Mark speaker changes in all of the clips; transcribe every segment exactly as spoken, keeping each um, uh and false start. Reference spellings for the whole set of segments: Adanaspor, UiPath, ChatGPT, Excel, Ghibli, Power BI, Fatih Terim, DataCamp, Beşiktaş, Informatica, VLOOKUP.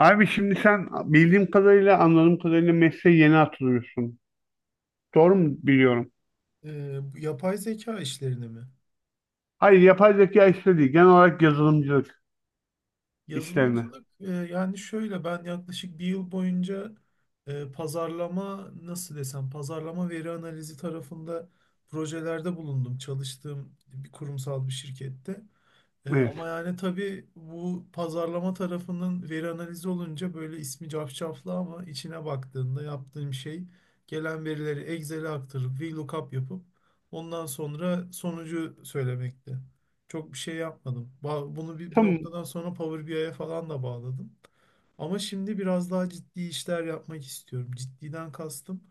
Speaker 1: Abi şimdi sen bildiğim kadarıyla, anladığım kadarıyla mesleğe yeni atılıyorsun. Doğru mu biliyorum?
Speaker 2: Ee, bu yapay zeka işlerini mi?
Speaker 1: Hayır, yapay zeka işleri değil. Genel olarak yazılımcılık işlerine.
Speaker 2: Yazılımcılık, e, yani şöyle ben yaklaşık bir yıl boyunca e, pazarlama, nasıl desem, pazarlama veri analizi tarafında projelerde bulundum. Çalıştığım bir kurumsal bir şirkette. Ee,
Speaker 1: Evet.
Speaker 2: ama yani tabii bu pazarlama tarafının veri analizi olunca böyle ismi cafcaflı, ama içine baktığında yaptığım şey gelen verileri Excel'e aktarıp VLOOKUP yapıp ondan sonra sonucu söylemekti. Çok bir şey yapmadım. Ba- Bunu bir, bir
Speaker 1: Tamam.
Speaker 2: noktadan sonra Power B I'ye falan da bağladım. Ama şimdi biraz daha ciddi işler yapmak istiyorum. Ciddiden kastım.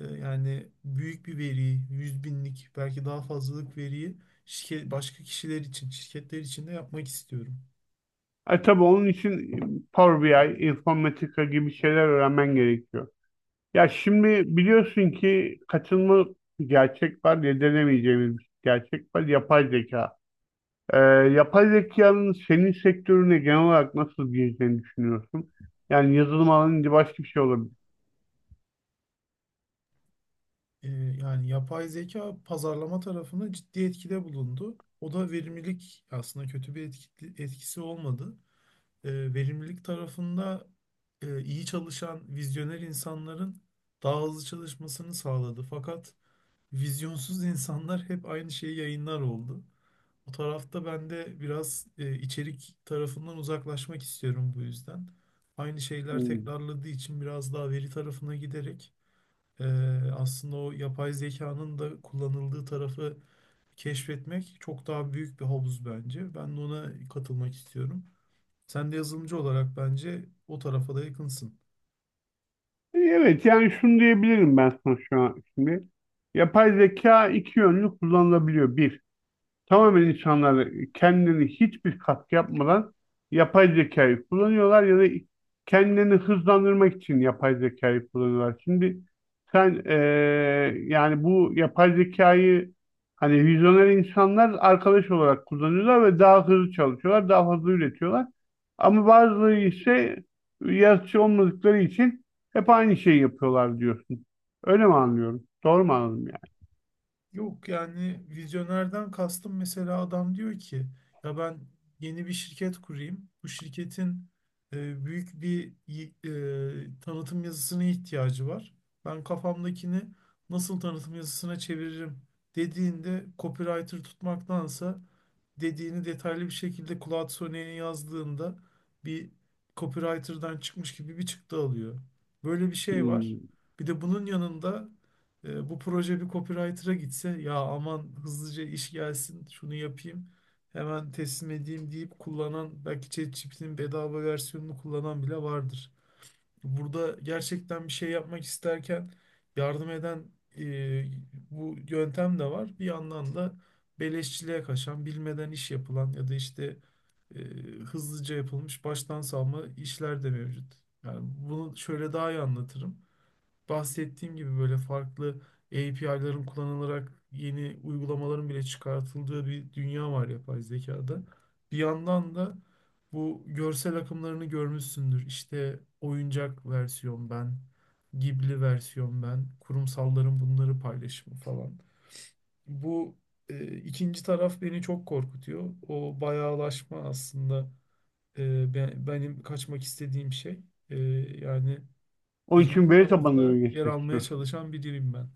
Speaker 2: E, Yani büyük bir veriyi, yüz binlik, belki daha fazlalık veriyi şirket, başka kişiler için, şirketler için de yapmak istiyorum.
Speaker 1: E tabii onun için Power B I, Informatica gibi şeyler öğrenmen gerekiyor. Ya şimdi biliyorsun ki kaçınılmaz bir gerçek var, yedilemeyeceğimiz bir gerçek var. Yapay zeka. Ee, Yapay zekanın senin sektörüne genel olarak nasıl gireceğini düşünüyorsun? Yani yazılım alanında başka bir şey olabilir.
Speaker 2: E, Yani yapay zeka pazarlama tarafında ciddi etkide bulundu. O da verimlilik, aslında kötü bir etki- etkisi olmadı. E, Verimlilik tarafında e, iyi çalışan vizyoner insanların daha hızlı çalışmasını sağladı. Fakat vizyonsuz insanlar hep aynı şeyi yayınlar oldu. O tarafta ben de biraz e, içerik tarafından uzaklaşmak istiyorum bu yüzden. Aynı şeyler
Speaker 1: Hmm.
Speaker 2: tekrarladığı için biraz daha veri tarafına giderek e, aslında o yapay zekanın da kullanıldığı tarafı keşfetmek çok daha büyük bir havuz bence. Ben de ona katılmak istiyorum. Sen de yazılımcı olarak bence o tarafa da yakınsın.
Speaker 1: E, Evet yani şunu diyebilirim ben sana şu an şimdi. Yapay zeka iki yönlü kullanılabiliyor. Bir, tamamen insanlar kendileri hiçbir katkı yapmadan yapay zekayı kullanıyorlar ya da kendilerini hızlandırmak için yapay zekayı kullanıyorlar. Şimdi sen eee, yani bu yapay zekayı hani vizyoner insanlar arkadaş olarak kullanıyorlar ve daha hızlı çalışıyorlar, daha fazla üretiyorlar. Ama bazıları ise yaratıcı olmadıkları için hep aynı şeyi yapıyorlar diyorsun. Öyle mi anlıyorum? Doğru mu anladım
Speaker 2: Yok, yani vizyonerden kastım, mesela adam diyor ki ya ben yeni bir şirket kurayım. Bu şirketin e, büyük bir y- e, tanıtım yazısına ihtiyacı var. Ben kafamdakini nasıl tanıtım yazısına çeviririm dediğinde, copywriter tutmaktansa dediğini detaylı bir şekilde Claude Sonnet'in yazdığında bir copywriter'dan çıkmış gibi bir çıktı alıyor. Böyle bir şey
Speaker 1: yani?
Speaker 2: var.
Speaker 1: Hmm.
Speaker 2: Bir de bunun yanında e, bu proje bir copywriter'a gitse, ya aman hızlıca iş gelsin şunu yapayım hemen teslim edeyim deyip kullanan, belki ChatGPT'nin bedava versiyonunu kullanan bile vardır. Burada gerçekten bir şey yapmak isterken yardım eden e, bu yöntem de var. Bir yandan da beleşçiliğe kaçan, bilmeden iş yapılan ya da işte e, hızlıca yapılmış baştan savma işler de mevcut. Yani bunu şöyle daha iyi anlatırım, bahsettiğim gibi böyle farklı A P I'ların kullanılarak yeni uygulamaların bile çıkartıldığı bir dünya var yapay zekada. Bir yandan da bu görsel akımlarını görmüşsündür. İşte oyuncak versiyon ben, Ghibli versiyon ben, kurumsalların bunları paylaşımı falan. Bu e, ikinci taraf beni çok korkutuyor. O bayağılaşma aslında e, be- benim kaçmak istediğim şey. E, yani
Speaker 1: Onun
Speaker 2: birinci
Speaker 1: için veri tabanına
Speaker 2: tarafta
Speaker 1: mı
Speaker 2: yer
Speaker 1: geçmek
Speaker 2: almaya
Speaker 1: istiyorsun?
Speaker 2: çalışan biriyim ben.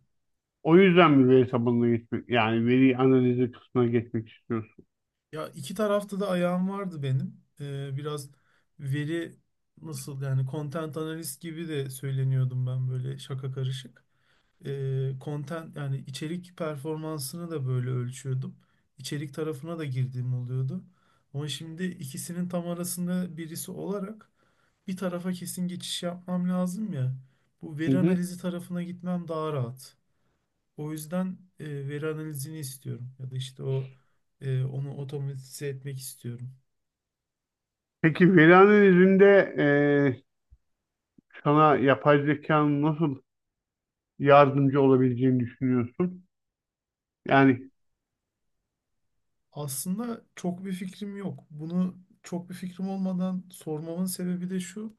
Speaker 1: O yüzden mi veri tabanına geçmek, yani veri analizi kısmına geçmek istiyorsun?
Speaker 2: Ya iki tarafta da ayağım vardı benim. Ee, biraz veri, nasıl yani, content analist gibi de söyleniyordum ben, böyle şaka karışık. Ee, content, yani içerik performansını da böyle ölçüyordum. İçerik tarafına da girdiğim oluyordu. Ama şimdi ikisinin tam arasında birisi olarak bir tarafa kesin geçiş yapmam lazım ya. Bu
Speaker 1: Hı
Speaker 2: veri
Speaker 1: hı.
Speaker 2: analizi tarafına gitmem daha rahat. O yüzden e, veri analizini istiyorum, ya da işte o e, onu otomatize etmek istiyorum.
Speaker 1: Peki veri analizinde eee, sana yapay zekanın nasıl yardımcı olabileceğini düşünüyorsun? Yani
Speaker 2: Aslında çok bir fikrim yok. Bunu çok bir fikrim olmadan sormamın sebebi de şu.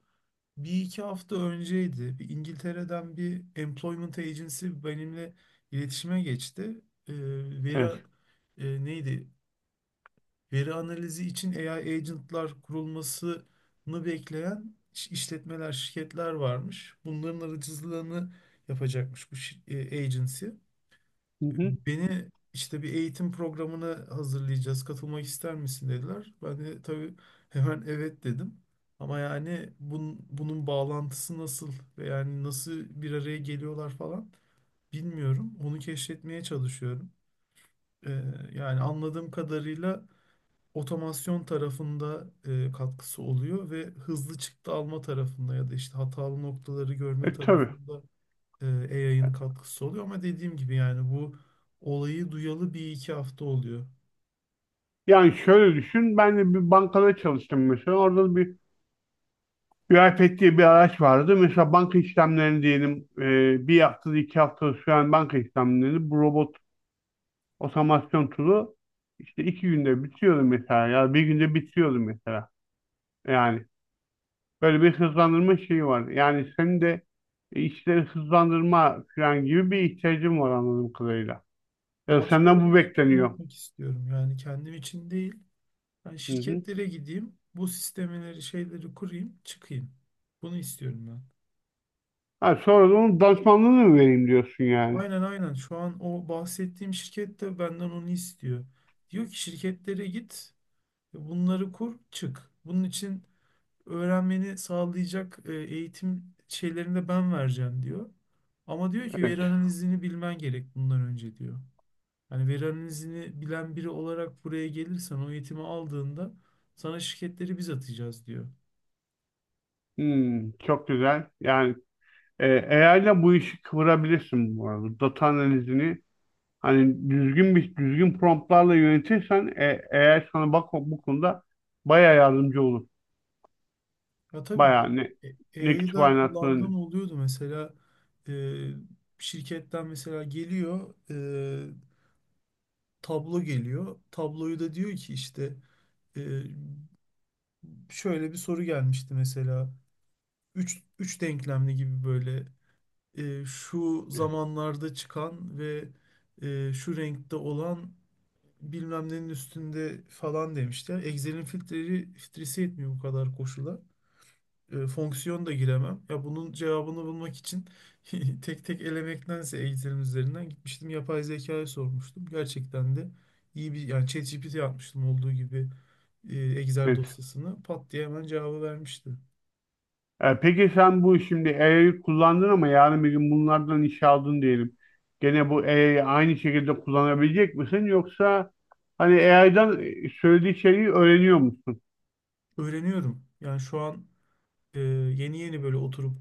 Speaker 2: Bir iki hafta önceydi. Bir İngiltere'den bir employment agency benimle iletişime geçti. E, veri
Speaker 1: evet.
Speaker 2: e, Neydi? Veri analizi için A I agentlar kurulmasını bekleyen iş- işletmeler, şirketler varmış. Bunların aracılığını yapacakmış bu şi- e, agency.
Speaker 1: Hı hı.
Speaker 2: Beni işte bir eğitim programına hazırlayacağız, katılmak ister misin dediler. Ben de tabii hemen evet dedim. Ama yani bun, bunun bağlantısı nasıl ve yani nasıl bir araya geliyorlar falan bilmiyorum. Onu keşfetmeye çalışıyorum. Ee, Yani anladığım kadarıyla otomasyon tarafında e, katkısı oluyor ve hızlı çıktı alma tarafında ya da işte hatalı noktaları görme
Speaker 1: E, tabii.
Speaker 2: tarafında e, A I'ın katkısı oluyor. Ama dediğim gibi yani bu olayı duyalı bir iki hafta oluyor.
Speaker 1: Yani şöyle düşün, ben de bir bankada çalıştım mesela. Orada bir UiPath diye bir araç vardı. Mesela banka işlemlerini diyelim eee, bir haftada iki haftada süren banka işlemlerini bu robot otomasyon tool'u işte iki günde bitiriyordu mesela ya bir günde bitiriyordu mesela. Yani böyle bir hızlandırma şeyi var. Yani senin de işleri hızlandırma falan gibi bir ihtiyacın var anladığım kadarıyla. Ya
Speaker 2: Başkaları
Speaker 1: senden bu
Speaker 2: için onu
Speaker 1: bekleniyor.
Speaker 2: yapmak istiyorum. Yani kendim için değil. Ben
Speaker 1: Hı hı.
Speaker 2: şirketlere gideyim, bu sistemeleri, şeyleri kurayım, çıkayım. Bunu istiyorum ben.
Speaker 1: Ha, sonra da onun danışmanlığını mı vereyim diyorsun yani.
Speaker 2: Aynen aynen. Şu an o bahsettiğim şirket de benden onu istiyor. Diyor ki şirketlere git. Bunları kur, çık. Bunun için öğrenmeni sağlayacak e, eğitim şeylerini de ben vereceğim diyor. Ama diyor ki
Speaker 1: Evet.
Speaker 2: veri analizini bilmen gerek bundan önce diyor. Hani veri analizini bilen biri olarak buraya gelirsen, o eğitimi aldığında sana şirketleri biz atacağız diyor.
Speaker 1: Hmm, çok güzel. Yani e, A I ile bu işi kıvırabilirsin bu arada. Data analizini hani düzgün bir düzgün promptlarla yönetirsen e, A I sana bak bu konuda bayağı yardımcı olur.
Speaker 2: Ya tabii
Speaker 1: Bayağı
Speaker 2: ben
Speaker 1: ne, ne
Speaker 2: A I'yı da
Speaker 1: kütüphane
Speaker 2: kullandığım
Speaker 1: atmanın-
Speaker 2: oluyordu. Mesela e, şirketten mesela geliyor, e, tablo geliyor. Tabloyu da diyor ki işte, şöyle bir soru gelmişti mesela. Üç, üç denklemli gibi böyle e, şu zamanlarda çıkan ve e, şu renkte olan bilmem nenin üstünde falan demişler. Excel'in filtreleri, filtresi yetmiyor bu kadar koşula. E, fonksiyon da giremem. Ya bunun cevabını bulmak için tek tek elemektense Excel'in üzerinden gitmiştim. Yapay zekaya sormuştum. Gerçekten de iyi bir, yani ChatGPT yapmıştım olduğu gibi e, Excel
Speaker 1: Evet.
Speaker 2: dosyasını, pat diye hemen cevabı vermişti.
Speaker 1: E, peki sen bu şimdi A I'yi kullandın ama yarın bir gün bunlardan iş aldın diyelim. Gene bu A I'yi aynı şekilde kullanabilecek misin yoksa hani A I'dan söylediği şeyi öğreniyor musun?
Speaker 2: Öğreniyorum. Yani şu an e, yeni yeni böyle oturup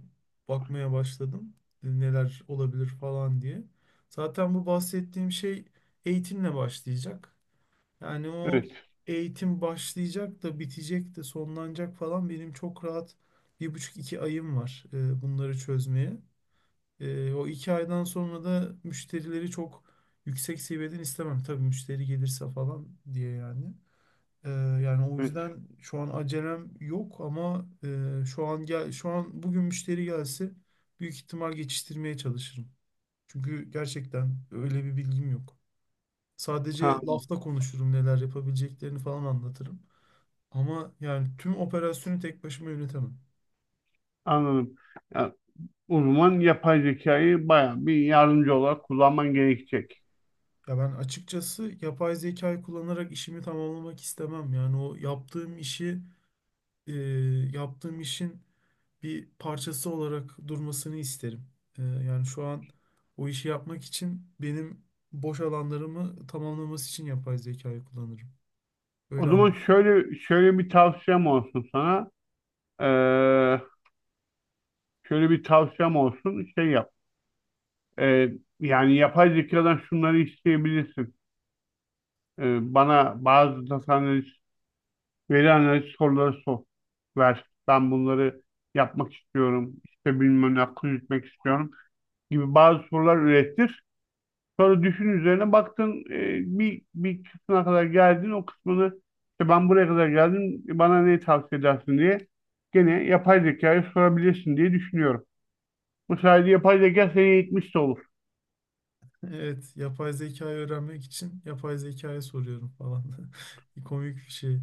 Speaker 2: bakmaya başladım. E, Neler olabilir falan diye. Zaten bu bahsettiğim şey eğitimle başlayacak. Yani o
Speaker 1: Evet,
Speaker 2: eğitim başlayacak da, bitecek de, sonlanacak falan, benim çok rahat bir buçuk iki ayım var e, bunları çözmeye. E, o iki aydan sonra da müşterileri çok yüksek seviyeden istemem. Tabii müşteri gelirse falan diye yani. Ee, Yani o
Speaker 1: evet.
Speaker 2: yüzden şu an acelem yok, ama e, şu an gel şu an bugün müşteri gelse büyük ihtimal geçiştirmeye çalışırım. Çünkü gerçekten öyle bir bilgim yok. Sadece
Speaker 1: Tamam,
Speaker 2: lafta konuşurum, neler yapabileceklerini falan anlatırım. Ama yani tüm operasyonu tek başıma yönetemem.
Speaker 1: anladım. Ya, o zaman yapay zekayı bayağı bir yardımcı olarak kullanman gerekecek.
Speaker 2: Ya ben açıkçası yapay zekayı kullanarak işimi tamamlamak istemem. Yani o yaptığım işi e, yaptığım işin bir parçası olarak durmasını isterim. Ee, yani şu an o işi yapmak için benim boş alanlarımı tamamlaması için yapay zekayı kullanırım.
Speaker 1: O
Speaker 2: Öyle
Speaker 1: zaman
Speaker 2: anlatayım.
Speaker 1: şöyle şöyle bir tavsiyem olsun sana. Ee, Şöyle bir tavsiyem olsun. Şey yap. Ee, Yani yapay zekadan şunları isteyebilirsin. E, bana bazı data analiz, veri analiz soruları sor, ver. Ben bunları yapmak istiyorum. İşte bilmem ne akıl yürütmek istiyorum gibi bazı sorular ürettir. Sonra düşün üzerine baktın e, bir, bir kısmına kadar geldin o kısmını işte ben buraya kadar geldim bana ne tavsiye edersin diye gene yapay zekaya sorabilirsin diye düşünüyorum. Bu sayede yapay zeka seni eğitmiş de olur.
Speaker 2: Evet, yapay zekayı öğrenmek için yapay zekaya soruyorum falan. Bir komik bir şey.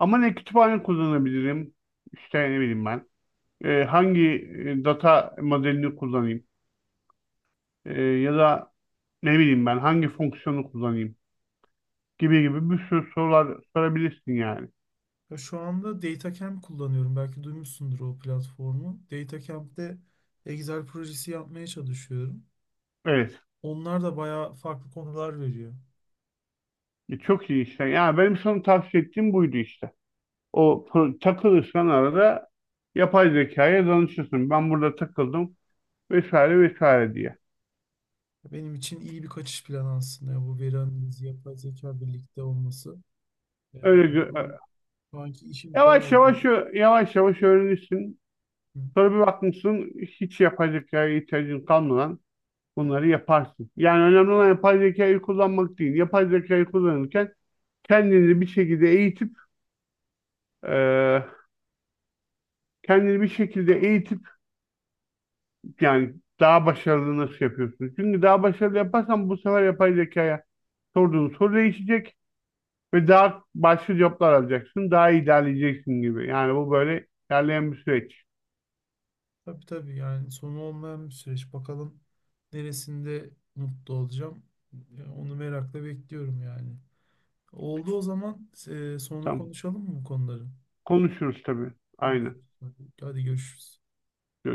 Speaker 1: Ama ne kütüphane kullanabilirim işte ne bileyim ben e, hangi e, data modelini kullanayım. E, Ya da ne bileyim ben hangi fonksiyonu kullanayım gibi gibi bir sürü sorular sorabilirsin yani.
Speaker 2: Ya şu anda DataCamp kullanıyorum. Belki duymuşsundur o platformu. DataCamp'te Excel projesi yapmaya çalışıyorum.
Speaker 1: Evet.
Speaker 2: Onlar da bayağı farklı konular veriyor.
Speaker 1: E, çok iyi işte. Yani benim sana tavsiye ettiğim buydu işte. O pro- takılırsan arada yapay zekaya danışırsın. Ben burada takıldım vesaire vesaire diye.
Speaker 2: Benim için iyi bir kaçış planı aslında ya, bu veri analizi, yapay zeka birlikte olması. Ee,
Speaker 1: Öyle gö-
Speaker 2: şu
Speaker 1: e,
Speaker 2: an, Şu anki işim
Speaker 1: yavaş
Speaker 2: bayağı
Speaker 1: yavaş
Speaker 2: kötü.
Speaker 1: ö- yavaş yavaş öğrenirsin.
Speaker 2: Hı.
Speaker 1: Sonra bir bakmışsın hiç yapay zekaya ihtiyacın kalmadan bunları yaparsın. Yani önemli olan yapay zekayı kullanmak değil. Yapay zekayı kullanırken kendini bir şekilde eğitip e, kendini bir şekilde eğitip yani daha başarılı nasıl yapıyorsun? Çünkü daha başarılı yaparsan bu sefer yapay zekaya sorduğun soru değişecek ve daha başka cevaplar alacaksın. Daha iyi ilerleyeceksin gibi. Yani bu böyle ilerleyen bir süreç.
Speaker 2: Tabii tabii, yani sonu olmayan bir süreç. Bakalım neresinde mutlu olacağım. Ya onu merakla bekliyorum yani. Oldu, o zaman e, sonra
Speaker 1: Tamam.
Speaker 2: konuşalım mı bu konuları?
Speaker 1: Konuşuruz tabii. Aynen.
Speaker 2: Konuşuruz. Hadi görüşürüz.
Speaker 1: Görüşürüz.